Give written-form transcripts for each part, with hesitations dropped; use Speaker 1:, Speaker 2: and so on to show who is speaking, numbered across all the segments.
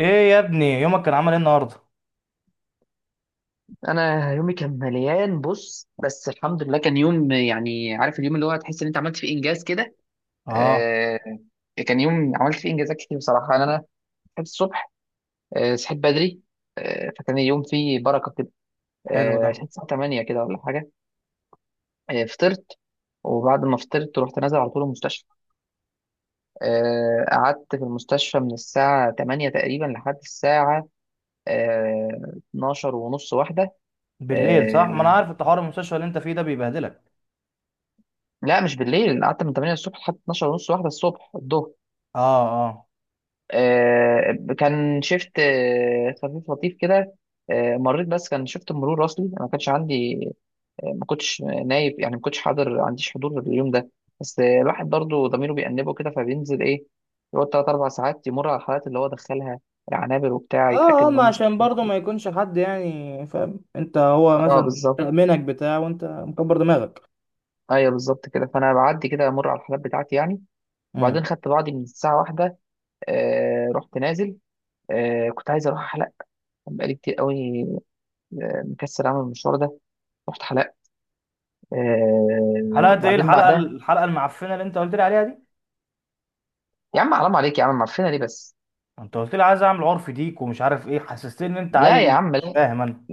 Speaker 1: ايه يا ابني، يومك كان عامل ايه النهارده؟
Speaker 2: انا يومي كان مليان. بص بس الحمد لله كان يوم، يعني عارف اليوم اللي هو تحس ان انت عملت فيه انجاز كده.
Speaker 1: اه.
Speaker 2: آه كان يوم عملت فيه انجازات كتير بصراحه. انا صحيت الصبح، آه صحيت بدري، آه فكان اليوم فيه بركه كده.
Speaker 1: حلو ده.
Speaker 2: آه صحيت الساعه 8 كده ولا حاجه، آه فطرت، وبعد ما فطرت رحت نازل على طول المستشفى. آه قعدت في المستشفى من الساعه 8 تقريبا لحد الساعه آه 12 ونص واحده.
Speaker 1: بالليل صح؟ ما انا
Speaker 2: آه
Speaker 1: عارف انت حوار المستشفى اللي انت فيه ده بيبهدلك.
Speaker 2: لا مش بالليل، انا قعدت من 8 الصبح لحد 12 ونص واحده الصبح الظهر.
Speaker 1: اه، اه،
Speaker 2: آه كان شيفت آه خفيف لطيف كده. آه مريت، بس كان شيفت مرور اصلي، أنا ما كانش عندي، آه ما كنتش نايب، يعني ما كنتش حاضر، ما عنديش حضور اليوم ده. بس آه الواحد برضه ضميره بيأنبه كده فبينزل، ايه، يقعد ثلاث اربع ساعات يمر على الحالات اللي هو دخلها، العنابر وبتاع،
Speaker 1: اه،
Speaker 2: يتأكد
Speaker 1: اه.
Speaker 2: ان
Speaker 1: ما
Speaker 2: هم
Speaker 1: عشان
Speaker 2: صحيين
Speaker 1: برضه
Speaker 2: كويس.
Speaker 1: ما يكونش حد يعني فاهم انت، هو
Speaker 2: اه
Speaker 1: مثلا
Speaker 2: بالظبط.
Speaker 1: تأمينك بتاع وانت مكبر دماغك.
Speaker 2: ايوه بالظبط كده، فانا بعدي كده امر على الحالات بتاعتي يعني.
Speaker 1: امم.
Speaker 2: وبعدين خدت بعضي من الساعه واحدة، آه رحت نازل، آه كنت عايز اروح حلق، بقالي كتير قوي، آه مكسل اعمل المشوار ده. رحت حلق، آه
Speaker 1: حلقه ايه؟
Speaker 2: وبعدين
Speaker 1: الحلقه
Speaker 2: بعدها.
Speaker 1: الحلقه المعفنه اللي انت قلت لي عليها دي؟
Speaker 2: يا عم حرام عليك يا عم، معفنه ليه بس؟
Speaker 1: انت قلت لي عايز اعمل عرف ديك ومش عارف ايه، حسستني ان انت
Speaker 2: لا
Speaker 1: عايز.
Speaker 2: يا عم
Speaker 1: مش
Speaker 2: لا،
Speaker 1: فاهم انا.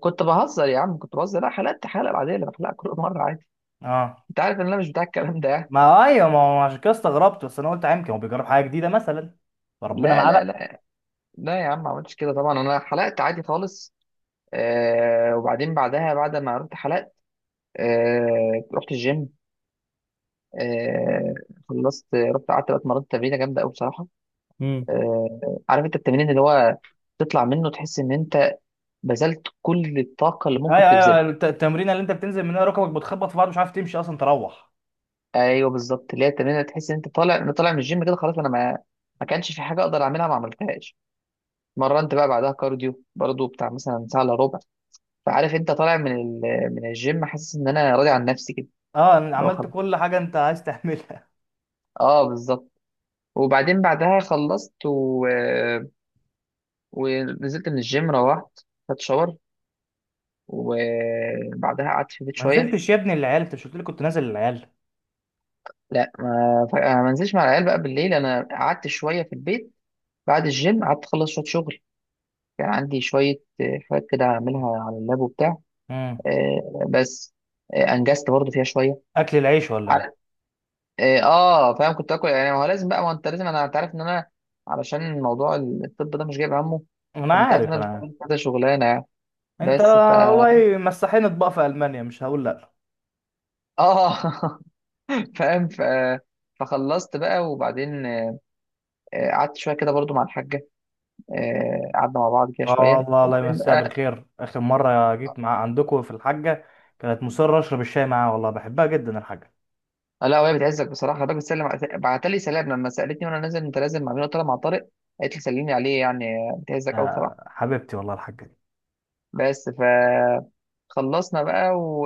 Speaker 2: كنت بهزر يا عم، كنت بهزر، لا حلقت حلقه بعدين اللي بحلقها كل مره عادي.
Speaker 1: اه.
Speaker 2: انت عارف ان انا مش بتاع الكلام ده يعني.
Speaker 1: ما ايوه، ما هو عشان كده استغربت، بس انا قلت يمكن هو بيجرب حاجه جديده مثلا. فربنا
Speaker 2: لا
Speaker 1: معاه.
Speaker 2: لا لا لا يا عم ما عملتش كده طبعا، انا حلقت عادي خالص. آه وبعدين بعدها، بعد ما رحت حلقت، آه رحت الجيم. آه خلصت رحت قعدت بقى اتمرنت تمرينه جامده قوي بصراحه.
Speaker 1: بقى
Speaker 2: آه، عارف انت التمرين اللي هو تطلع منه تحس ان انت بذلت كل الطاقه اللي ممكن
Speaker 1: ايوه، ايوه،
Speaker 2: تبذلها.
Speaker 1: التمرينه اللي انت بتنزل منها ركبك بتخبط في بعض، مش عارف تمشي اصلا تروح.
Speaker 2: ايوه بالظبط، اللي هي التمرين اللي تحس ان انت طالع، انا طالع من الجيم كده خلاص، انا ما ما كانش في حاجه اقدر اعملها ما عملتهاش. مرنت بقى بعدها كارديو برضو بتاع مثلا ساعه الا ربع. فعارف انت طالع من من الجيم حاسس ان انا راضي عن نفسي كده.
Speaker 1: اه، أنا
Speaker 2: اللي هو
Speaker 1: عملت
Speaker 2: خلاص،
Speaker 1: كل حاجه انت عايز تعملها.
Speaker 2: اه بالظبط. وبعدين بعدها خلصت ونزلت من الجيم، روحت خدت شاور، وبعدها قعدت في البيت
Speaker 1: ما
Speaker 2: شويه.
Speaker 1: نزلتش يا ابني العيال؟ انت مش قلت لي كنت نازل العيال؟
Speaker 2: لا ما ف- أنا ما نزلش مع العيال بقى بالليل، انا قعدت شويه في البيت بعد الجيم، قعدت اخلص شويه شغل، كان عندي شويه آه، حاجات كده اعملها على اللاب وبتاع.
Speaker 1: امم.
Speaker 2: آه، بس آه، انجزت برضو فيها شويه.
Speaker 1: اكل العيش ولا ايه؟
Speaker 2: على- اه آه، فاهم، كنت اكل يعني ما هو لازم بقى، ما هو انت لازم، انا انت عارف ان انا علشان موضوع الطب ده مش جايب همه.
Speaker 1: انا
Speaker 2: فانت عارف ان
Speaker 1: عارف،
Speaker 2: انا
Speaker 1: انا عارف.
Speaker 2: بشتغل كذا شغلانه يعني.
Speaker 1: انت
Speaker 2: بس ف
Speaker 1: والله مسحين اطباق في المانيا مش هقول لا.
Speaker 2: اه فاهم. فخلصت بقى وبعدين آه، قعدت شويه كده برضو مع الحاجه، آه، قعدنا مع بعض كده
Speaker 1: اه،
Speaker 2: شويه
Speaker 1: والله الله
Speaker 2: وبعدين
Speaker 1: يمسيها
Speaker 2: بقى
Speaker 1: بالخير، اخر مره جيت مع عندكم في الحاجه كانت مصره اشرب الشاي معاها، والله بحبها جدا الحاجه.
Speaker 2: آه، لا وهي بتعزك بصراحه. خلي بالك بتسلم بعت لي سلام لما سالتني وانا نازل، انت نازل مع مين؟ قلت لها مع طارق، قالت لي سلمي عليه يعني. آه، بتعزك قوي بصراحه.
Speaker 1: آه، حبيبتي والله الحاجه.
Speaker 2: بس فخلصنا بقى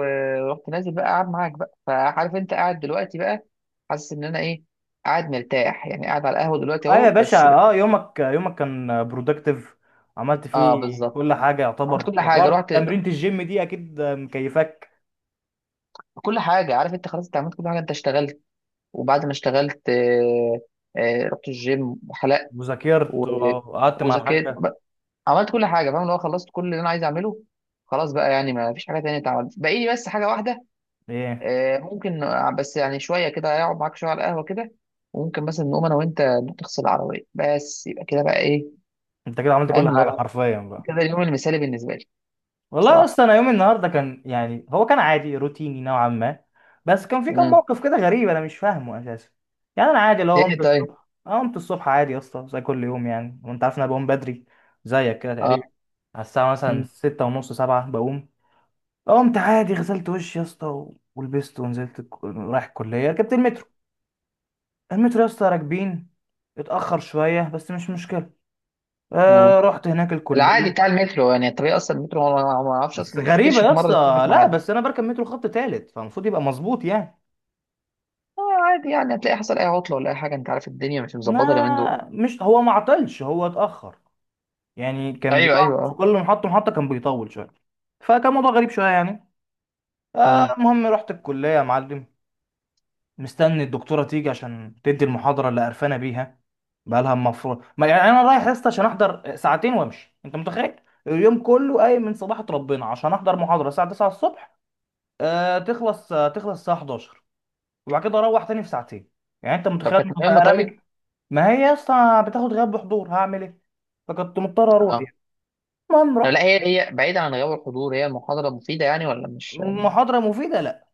Speaker 2: ورحت نازل بقى قاعد معاك بقى. فعارف انت قاعد دلوقتي بقى حاسس ان انا ايه، قاعد مرتاح يعني، قاعد على القهوه دلوقتي
Speaker 1: اه يا
Speaker 2: اهو
Speaker 1: باشا،
Speaker 2: بس.
Speaker 1: اه، يومك كان برودكتيف، عملت
Speaker 2: اه
Speaker 1: فيه
Speaker 2: بالظبط،
Speaker 1: كل حاجه
Speaker 2: عملت
Speaker 1: يعتبر،
Speaker 2: كل حاجه،
Speaker 1: وحوار
Speaker 2: رحت،
Speaker 1: تمرينة الجيم دي اكيد مكيفاك.
Speaker 2: كل حاجه، عارف انت خلاص، انت عملت كل حاجه، انت اشتغلت، وبعد ما اشتغلت آه، آه، رحت الجيم وحلقت، و...
Speaker 1: وذاكرت وقعدت مع
Speaker 2: وذاكرت،
Speaker 1: الحاجه.
Speaker 2: عملت كل حاجه فاهم، اللي هو خلصت كل اللي انا عايز اعمله، خلاص بقى يعني ما فيش حاجه تانية اتعملت، باقي لي بس حاجه واحده
Speaker 1: ايه،
Speaker 2: آه، ممكن آه، بس يعني شويه كده اقعد معاك شويه على القهوه كده، وممكن مثلا نقوم انا وانت نروح تغسل العربيه، بس يبقى كده بقى، ايه
Speaker 1: انت كده عملت كل
Speaker 2: فاهم اللي
Speaker 1: حاجه
Speaker 2: هو
Speaker 1: حرفيا بقى.
Speaker 2: كده اليوم المثالي بالنسبه لي
Speaker 1: والله
Speaker 2: بصراحه.
Speaker 1: اصلا انا يومي النهارده كان، يعني هو كان عادي روتيني نوعا ما، بس كان في كم
Speaker 2: امم،
Speaker 1: موقف كده غريب انا مش فاهمه اساسا. يعني انا عادي لو قمت
Speaker 2: ايه طيب،
Speaker 1: الصبح، أنا قمت الصبح عادي يا اسطى زي كل يوم يعني، وانت عارف إن انا بقوم بدري زيك كده تقريبا.
Speaker 2: اه
Speaker 1: على الساعه
Speaker 2: مم.
Speaker 1: مثلا ستة ونص سبعة بقوم. قمت عادي، غسلت وشي يا اسطى ولبست ونزلت، رايح الكليه، ركبت المترو. المترو يا اسطى راكبين، اتاخر شويه بس مش مشكله.
Speaker 2: مم.
Speaker 1: رحت هناك
Speaker 2: العادي بتاع
Speaker 1: الكليه.
Speaker 2: المترو، يعني الطريق اصلا المترو ما اعرفش
Speaker 1: بس
Speaker 2: اصلا ما افتكرش
Speaker 1: غريبه يا
Speaker 2: في مره إنه
Speaker 1: اسطى،
Speaker 2: في
Speaker 1: لا،
Speaker 2: ميعاد.
Speaker 1: بس انا بركب مترو خط تالت فالمفروض يبقى مظبوط يعني.
Speaker 2: آه عادي يعني، هتلاقي حصل اي عطله ولا اي حاجه، انت عارف الدنيا مش مظبطه اليومين دول.
Speaker 1: ما مش هو، ما عطلش، هو اتاخر. يعني كان
Speaker 2: ايوه
Speaker 1: بيقف
Speaker 2: ايوه
Speaker 1: في
Speaker 2: آه.
Speaker 1: كل محطه محطه، كان بيطول شويه. فكان موضوع غريب شويه يعني.
Speaker 2: مم.
Speaker 1: المهم رحت الكليه يا معلم، مستني الدكتوره تيجي عشان تدي المحاضره اللي قرفانه بيها. بقالها، المفروض، ما يعني انا رايح يا اسطى عشان احضر ساعتين وامشي، انت متخيل؟ اليوم كله قايم من صباحة ربنا عشان احضر محاضره الساعه 9 الصبح، تخلص الساعه 11، وبعد كده اروح تاني في ساعتين. يعني انت
Speaker 2: طب
Speaker 1: متخيل
Speaker 2: كانت
Speaker 1: إن
Speaker 2: مهمة
Speaker 1: بقى
Speaker 2: طيب؟
Speaker 1: رامي؟ ما هي يا اسطى بتاخد غياب بحضور، هعمل ايه؟ فكنت مضطر اروح
Speaker 2: اه
Speaker 1: يعني. المهم
Speaker 2: آه،
Speaker 1: رحت.
Speaker 2: لا هي بعيدة عن غياب الحضور، هي محاضرة مفيدة يعني ولا مش.
Speaker 1: محاضره مفيده؟ لا.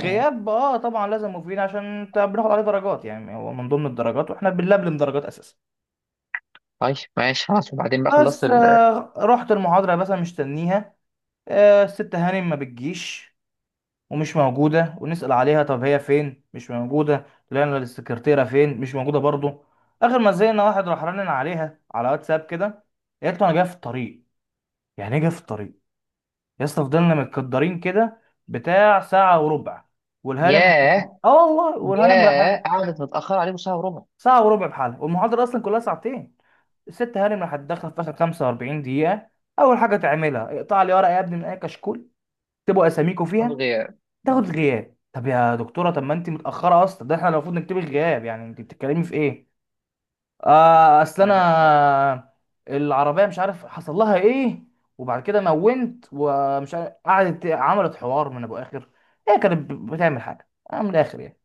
Speaker 2: آه.
Speaker 1: اه طبعا لازم، مفيد عشان انت بناخد عليه درجات، يعني هو من ضمن الدرجات واحنا بنلبلم درجات اساسا.
Speaker 2: طيب ماشي خلاص، وبعدين بقى خلصت
Speaker 1: بس
Speaker 2: ال
Speaker 1: رحت المحاضرة يا باشا مستنيها. الست هانم ما بتجيش ومش موجودة، ونسأل عليها طب هي فين، مش موجودة، لقينا السكرتيرة فين، مش موجودة برضو. آخر ما زهقنا، واحد راح رنن عليها على واتساب كده، قالت له أنا جاي في الطريق. يعني إيه جاي في الطريق؟ يا اسطى فضلنا متكدرين كده بتاع ساعة وربع، والهانم،
Speaker 2: ياه.
Speaker 1: اه والله، والهانم راح،
Speaker 2: ياه قعدت متأخرة عليكم ساعة وربع.
Speaker 1: ساعة وربع بحالها، والمحاضرة أصلا كلها ساعتين. الست هانم راح تدخل في اخر 45 دقيقه، اول حاجه تعملها اقطع لي ورقه يا ابني من اي كشكول، اكتبوا اساميكم
Speaker 2: حضور
Speaker 1: فيها.
Speaker 2: غياب.
Speaker 1: تاخد
Speaker 2: مم.
Speaker 1: غياب؟ طب يا دكتوره، طب ما انت متاخره اصلا، ده احنا المفروض نكتب الغياب، يعني انت بتتكلمي في ايه؟ اصل
Speaker 2: لا
Speaker 1: انا العربيه مش عارف حصل لها ايه، وبعد كده مونت ومش عارف، قعدت عملت حوار من ابو اخر. هي كانت بتعمل حاجه من الاخر يعني.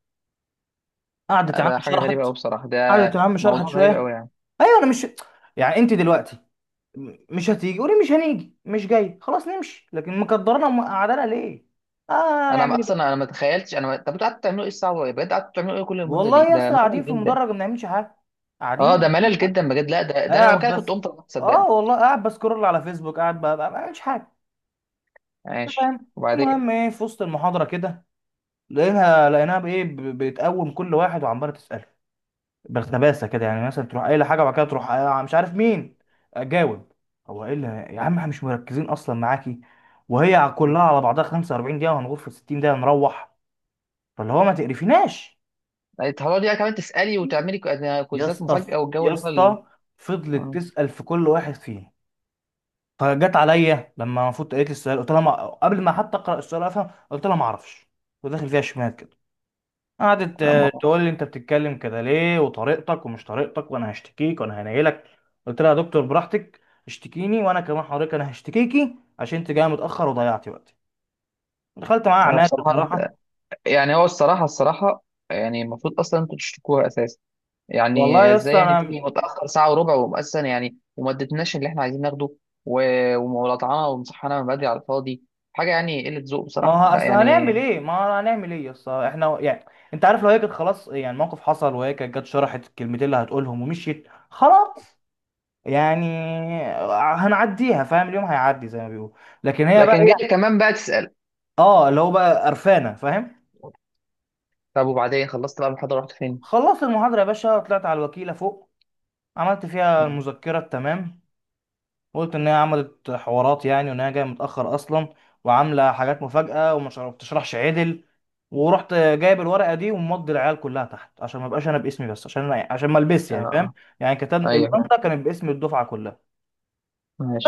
Speaker 1: قعدت
Speaker 2: لا
Speaker 1: يا عم
Speaker 2: ده حاجة غريبة
Speaker 1: شرحت،
Speaker 2: أوي بصراحة، ده
Speaker 1: قعدت يا عم شرحت
Speaker 2: موضوع غريب أوي
Speaker 1: شويه.
Speaker 2: يعني.
Speaker 1: ايوه، انا مش، يعني انت دلوقتي مش هتيجي، وليه مش هنيجي، مش جاي خلاص نمشي، لكن مكدرنا ومقعدنا ليه؟ اه،
Speaker 2: أنا
Speaker 1: هنعمل
Speaker 2: ما-
Speaker 1: ايه
Speaker 2: أصلا
Speaker 1: بقى.
Speaker 2: أنا ما تخيلتش أنا ما... طب أنتوا قعدتوا تعملوا إيه الساعة وربع؟ بجد قعدتوا تعملوا إيه كل المدة
Speaker 1: والله
Speaker 2: دي؟
Speaker 1: يا
Speaker 2: ده
Speaker 1: اسطى قاعدين
Speaker 2: ملل
Speaker 1: في المدرج
Speaker 2: جدا.
Speaker 1: ما بنعملش حاجه، قاعدين
Speaker 2: اه
Speaker 1: ما
Speaker 2: ده
Speaker 1: بنعملش
Speaker 2: ملل
Speaker 1: حاجه،
Speaker 2: جدا بجد، لا ده, ده أنا لو
Speaker 1: قاعد
Speaker 2: مكانك كنت
Speaker 1: بس.
Speaker 2: قمت أصلاً، صدقني.
Speaker 1: اه والله، قاعد بسكرول على فيسبوك، قاعد ما بعملش حاجه. أنت
Speaker 2: ماشي
Speaker 1: فاهم
Speaker 2: وبعدين.
Speaker 1: المهم ايه، في وسط المحاضره كده لقيناها بايه، بتقوم كل واحد وعماله تساله بالخباثه كده، يعني مثلا تروح قايله حاجه وبعد كده تروح مش عارف مين جاوب. هو ايه اللي، يا عم احنا مش مركزين اصلا معاكي، وهي كلها على بعضها 45 دقيقه، وهنغور في 60 دقيقه نروح، فاللي هو ما تقرفيناش.
Speaker 2: هتقعدي بقى كمان تسألي وتعملي
Speaker 1: يا
Speaker 2: كوزات
Speaker 1: اسطى،
Speaker 2: مفاجأة والجو
Speaker 1: يا
Speaker 2: اللي هو
Speaker 1: اسطى، فضلت تسال في كل واحد فيهم، فجت عليا، لما المفروض قالت لي السؤال، قلت لها ما... قبل ما حتى اقرا السؤال افهم قلت لها ما اعرفش، وداخل فيها شمال كده. قعدت
Speaker 2: لا، ما-
Speaker 1: تقول لي انت بتتكلم كده ليه، وطريقتك ومش طريقتك، وانا هشتكيك وانا هنيلك. قلت لها يا دكتور براحتك، اشتكيني، وانا كمان حضرتك انا هشتكيكي عشان انت جايه متاخر وضيعتي وقتي. دخلت معاها
Speaker 2: أنا
Speaker 1: عناد
Speaker 2: بصراحة،
Speaker 1: بصراحه.
Speaker 2: يعني هو الصراحة الصراحة، يعني المفروض أصلا أنتوا تشتكوها أساسا،
Speaker 1: والله
Speaker 2: يعني
Speaker 1: يا
Speaker 2: إزاي
Speaker 1: اسطى
Speaker 2: يعني
Speaker 1: انا،
Speaker 2: تيجي متأخر ساعة وربع وأساسا يعني وما ادتناش اللي إحنا عايزين ناخده، و... ومولطعنا ومصحنا من بدري على الفاضي. حاجة يعني قلة ذوق
Speaker 1: ما
Speaker 2: بصراحة،
Speaker 1: هو
Speaker 2: لا
Speaker 1: اصل
Speaker 2: يعني.
Speaker 1: هنعمل ايه، ما هو هنعمل ايه يا اسطى احنا يعني. انت عارف لو هي كانت، خلاص يعني الموقف حصل، وهي كانت جت شرحت الكلمتين اللي هتقولهم ومشيت خلاص، يعني هنعديها، فاهم، اليوم هيعدي زي ما بيقول. لكن هي بقى
Speaker 2: لكن جاي
Speaker 1: ايه؟
Speaker 2: كمان بقى تسأل.
Speaker 1: اه، اللي هو بقى قرفانه، فاهم.
Speaker 2: طب وبعدين خلصت بقى المحاضرة رحت فين؟
Speaker 1: خلصت المحاضرة يا باشا، طلعت على الوكيلة فوق، عملت
Speaker 2: آه.
Speaker 1: فيها المذكرة التمام، وقلت إن هي عملت حوارات يعني، وإن هي جاية متأخر أصلا، وعاملة حاجات مفاجأة وما بتشرحش عدل. ورحت جايب الورقة دي ومضي العيال كلها تحت عشان ما بقاش أنا باسمي بس، عشان أنا، عشان ما البس يعني، فاهم،
Speaker 2: آه.
Speaker 1: يعني كتاب
Speaker 2: أيوه.
Speaker 1: الأنطة كانت باسم الدفعة كلها.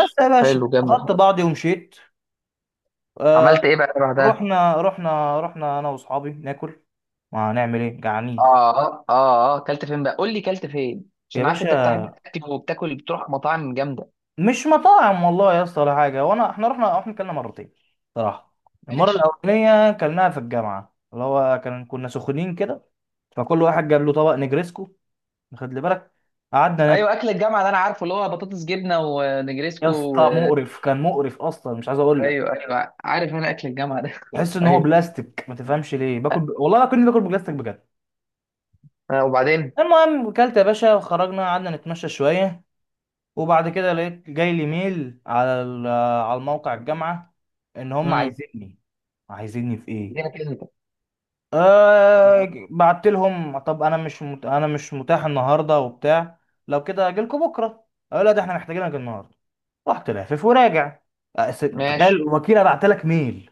Speaker 1: بس يا باشا
Speaker 2: حلو، جامد
Speaker 1: أخدت
Speaker 2: الحركة.
Speaker 1: بعضي ومشيت. آه،
Speaker 2: عملت إيه بقى بعدها؟
Speaker 1: رحنا أنا وأصحابي ناكل، ما هنعمل إيه، جعانين.
Speaker 2: اه. اه اه، كلت فين بقى؟ قول لي كلت فين
Speaker 1: يا
Speaker 2: عشان عارف انت
Speaker 1: باشا،
Speaker 2: بتحب تاكل وبتاكل بتروح مطاعم جامده.
Speaker 1: مش مطاعم والله يا اسطى ولا حاجه. احنا رحنا احنا كلنا مرتين صراحه. المره
Speaker 2: ماشي.
Speaker 1: الاولانيه كلناها في الجامعه، اللي هو كان كنا سخنين كده، فكل واحد جاب له طبق نجريسكو. خد لي بالك، قعدنا ناكل
Speaker 2: ايوه اكل الجامعه ده انا عارفه اللي هو بطاطس جبنه
Speaker 1: يا
Speaker 2: ونجريسكو و...
Speaker 1: اسطى مقرف، كان مقرف اصلا مش عايز اقول لك،
Speaker 2: ايوه ايوه، عارف انا اكل الجامعه ده
Speaker 1: تحس ان هو
Speaker 2: ايوه.
Speaker 1: بلاستيك، ما تفهمش ليه باكل والله كنت باكل بلاستيك بجد.
Speaker 2: آه وبعدين.
Speaker 1: المهم اكلت يا باشا، وخرجنا قعدنا نتمشى شويه، وبعد كده لقيت جاي لي ميل على على الموقع الجامعه، ان هم
Speaker 2: امم.
Speaker 1: عايزيني. عايزيني في ايه؟
Speaker 2: جينا كده انت.
Speaker 1: أه
Speaker 2: آه.
Speaker 1: بعت لهم طب انا مش مت... انا مش متاح النهارده وبتاع، لو كده اجيلكوا بكره. أه لا ده احنا محتاجينك النهارده. رحت لافف وراجع. أه، تخيل
Speaker 2: ماشي
Speaker 1: الوكيله بعت لك ميل،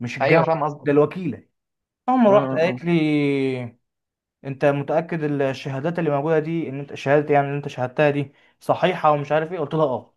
Speaker 1: مش
Speaker 2: ايوه
Speaker 1: الجامعه،
Speaker 2: فاهم
Speaker 1: ده
Speaker 2: قصدك.
Speaker 1: الوكيله. هم، رحت
Speaker 2: أمم.
Speaker 1: قالت لي انت متاكد الشهادات اللي موجوده دي ان انت شهاده، يعني اللي انت شهادتها دي صحيحه ومش عارف ايه، قلت لها اه.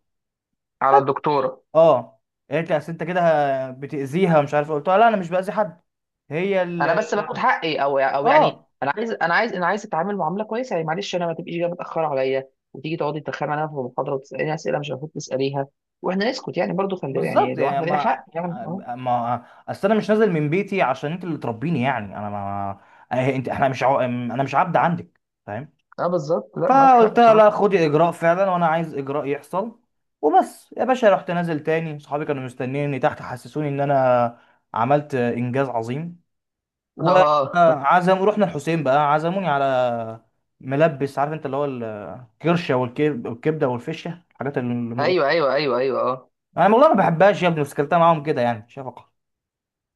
Speaker 2: على الدكتوره.
Speaker 1: اه، قالت لي اصل انت كده بتاذيها ومش عارف إيه، قلت لها لا انا مش باذي حد، هي ال،
Speaker 2: انا بس باخد حقي، او يعني
Speaker 1: اه
Speaker 2: انا عايز، انا عايز اتعامل معامله كويسه يعني، معلش انا، ما تبقيش جايه متاخره عليا وتيجي تقعدي تتخانق معايا في المحاضره وتساليني اسئله مش المفروض تساليها. واحنا نسكت يعني برضو، خلي يعني
Speaker 1: بالظبط
Speaker 2: لو
Speaker 1: يعني
Speaker 2: احنا لينا
Speaker 1: ما،
Speaker 2: حق يعني، اه.
Speaker 1: ما اصل انا مش نازل من بيتي عشان انت اللي تربيني، يعني انا ما، انت احنا مش عو... انا مش عبد عندك، فاهم.
Speaker 2: اه بالظبط، لا معاك حق
Speaker 1: فقلت لها لا
Speaker 2: بصراحه.
Speaker 1: خدي اجراء فعلا، وانا عايز اجراء يحصل. وبس يا باشا رحت نازل تاني، صحابي كانوا مستنيني تحت، حسسوني ان انا عملت انجاز عظيم،
Speaker 2: اه.
Speaker 1: وعزم رحنا الحسين بقى، عزموني على ملبس، عارف انت اللي هو الكرشه والكبده والفشه، الحاجات المقرفه.
Speaker 2: ايوه اه.
Speaker 1: انا والله ما بحبهاش يا ابني، بس كلتها معاهم كده يعني شفقه.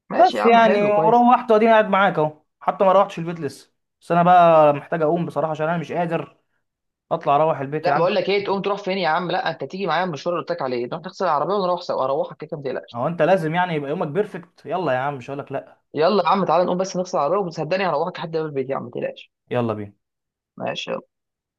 Speaker 2: ماشي يا
Speaker 1: بس
Speaker 2: عم
Speaker 1: يعني
Speaker 2: حلو كويس.
Speaker 1: وروحت، واديني قاعد معاك اهو، حتى ما روحتش البيت لسه. بس انا بقى محتاج اقوم بصراحه، عشان انا مش قادر اطلع اروح البيت يا
Speaker 2: لا
Speaker 1: عم.
Speaker 2: بقول لك ايه، تقوم تروح فين يا عم؟ لا انت تيجي معايا المشوار اللي قلت لك عليه، نروح نغسل العربيه ونروح سوا اروحك كده ما تقلقش.
Speaker 1: هو انت لازم يعني يبقى يومك بيرفكت؟ يلا يا عم مش هقولك لا.
Speaker 2: يلا يا عم تعالى نقوم بس نغسل العربيه وصدقني هروحك لحد باب البيت يا عم ما تقلقش.
Speaker 1: يلا بينا.
Speaker 2: ماشي يلا.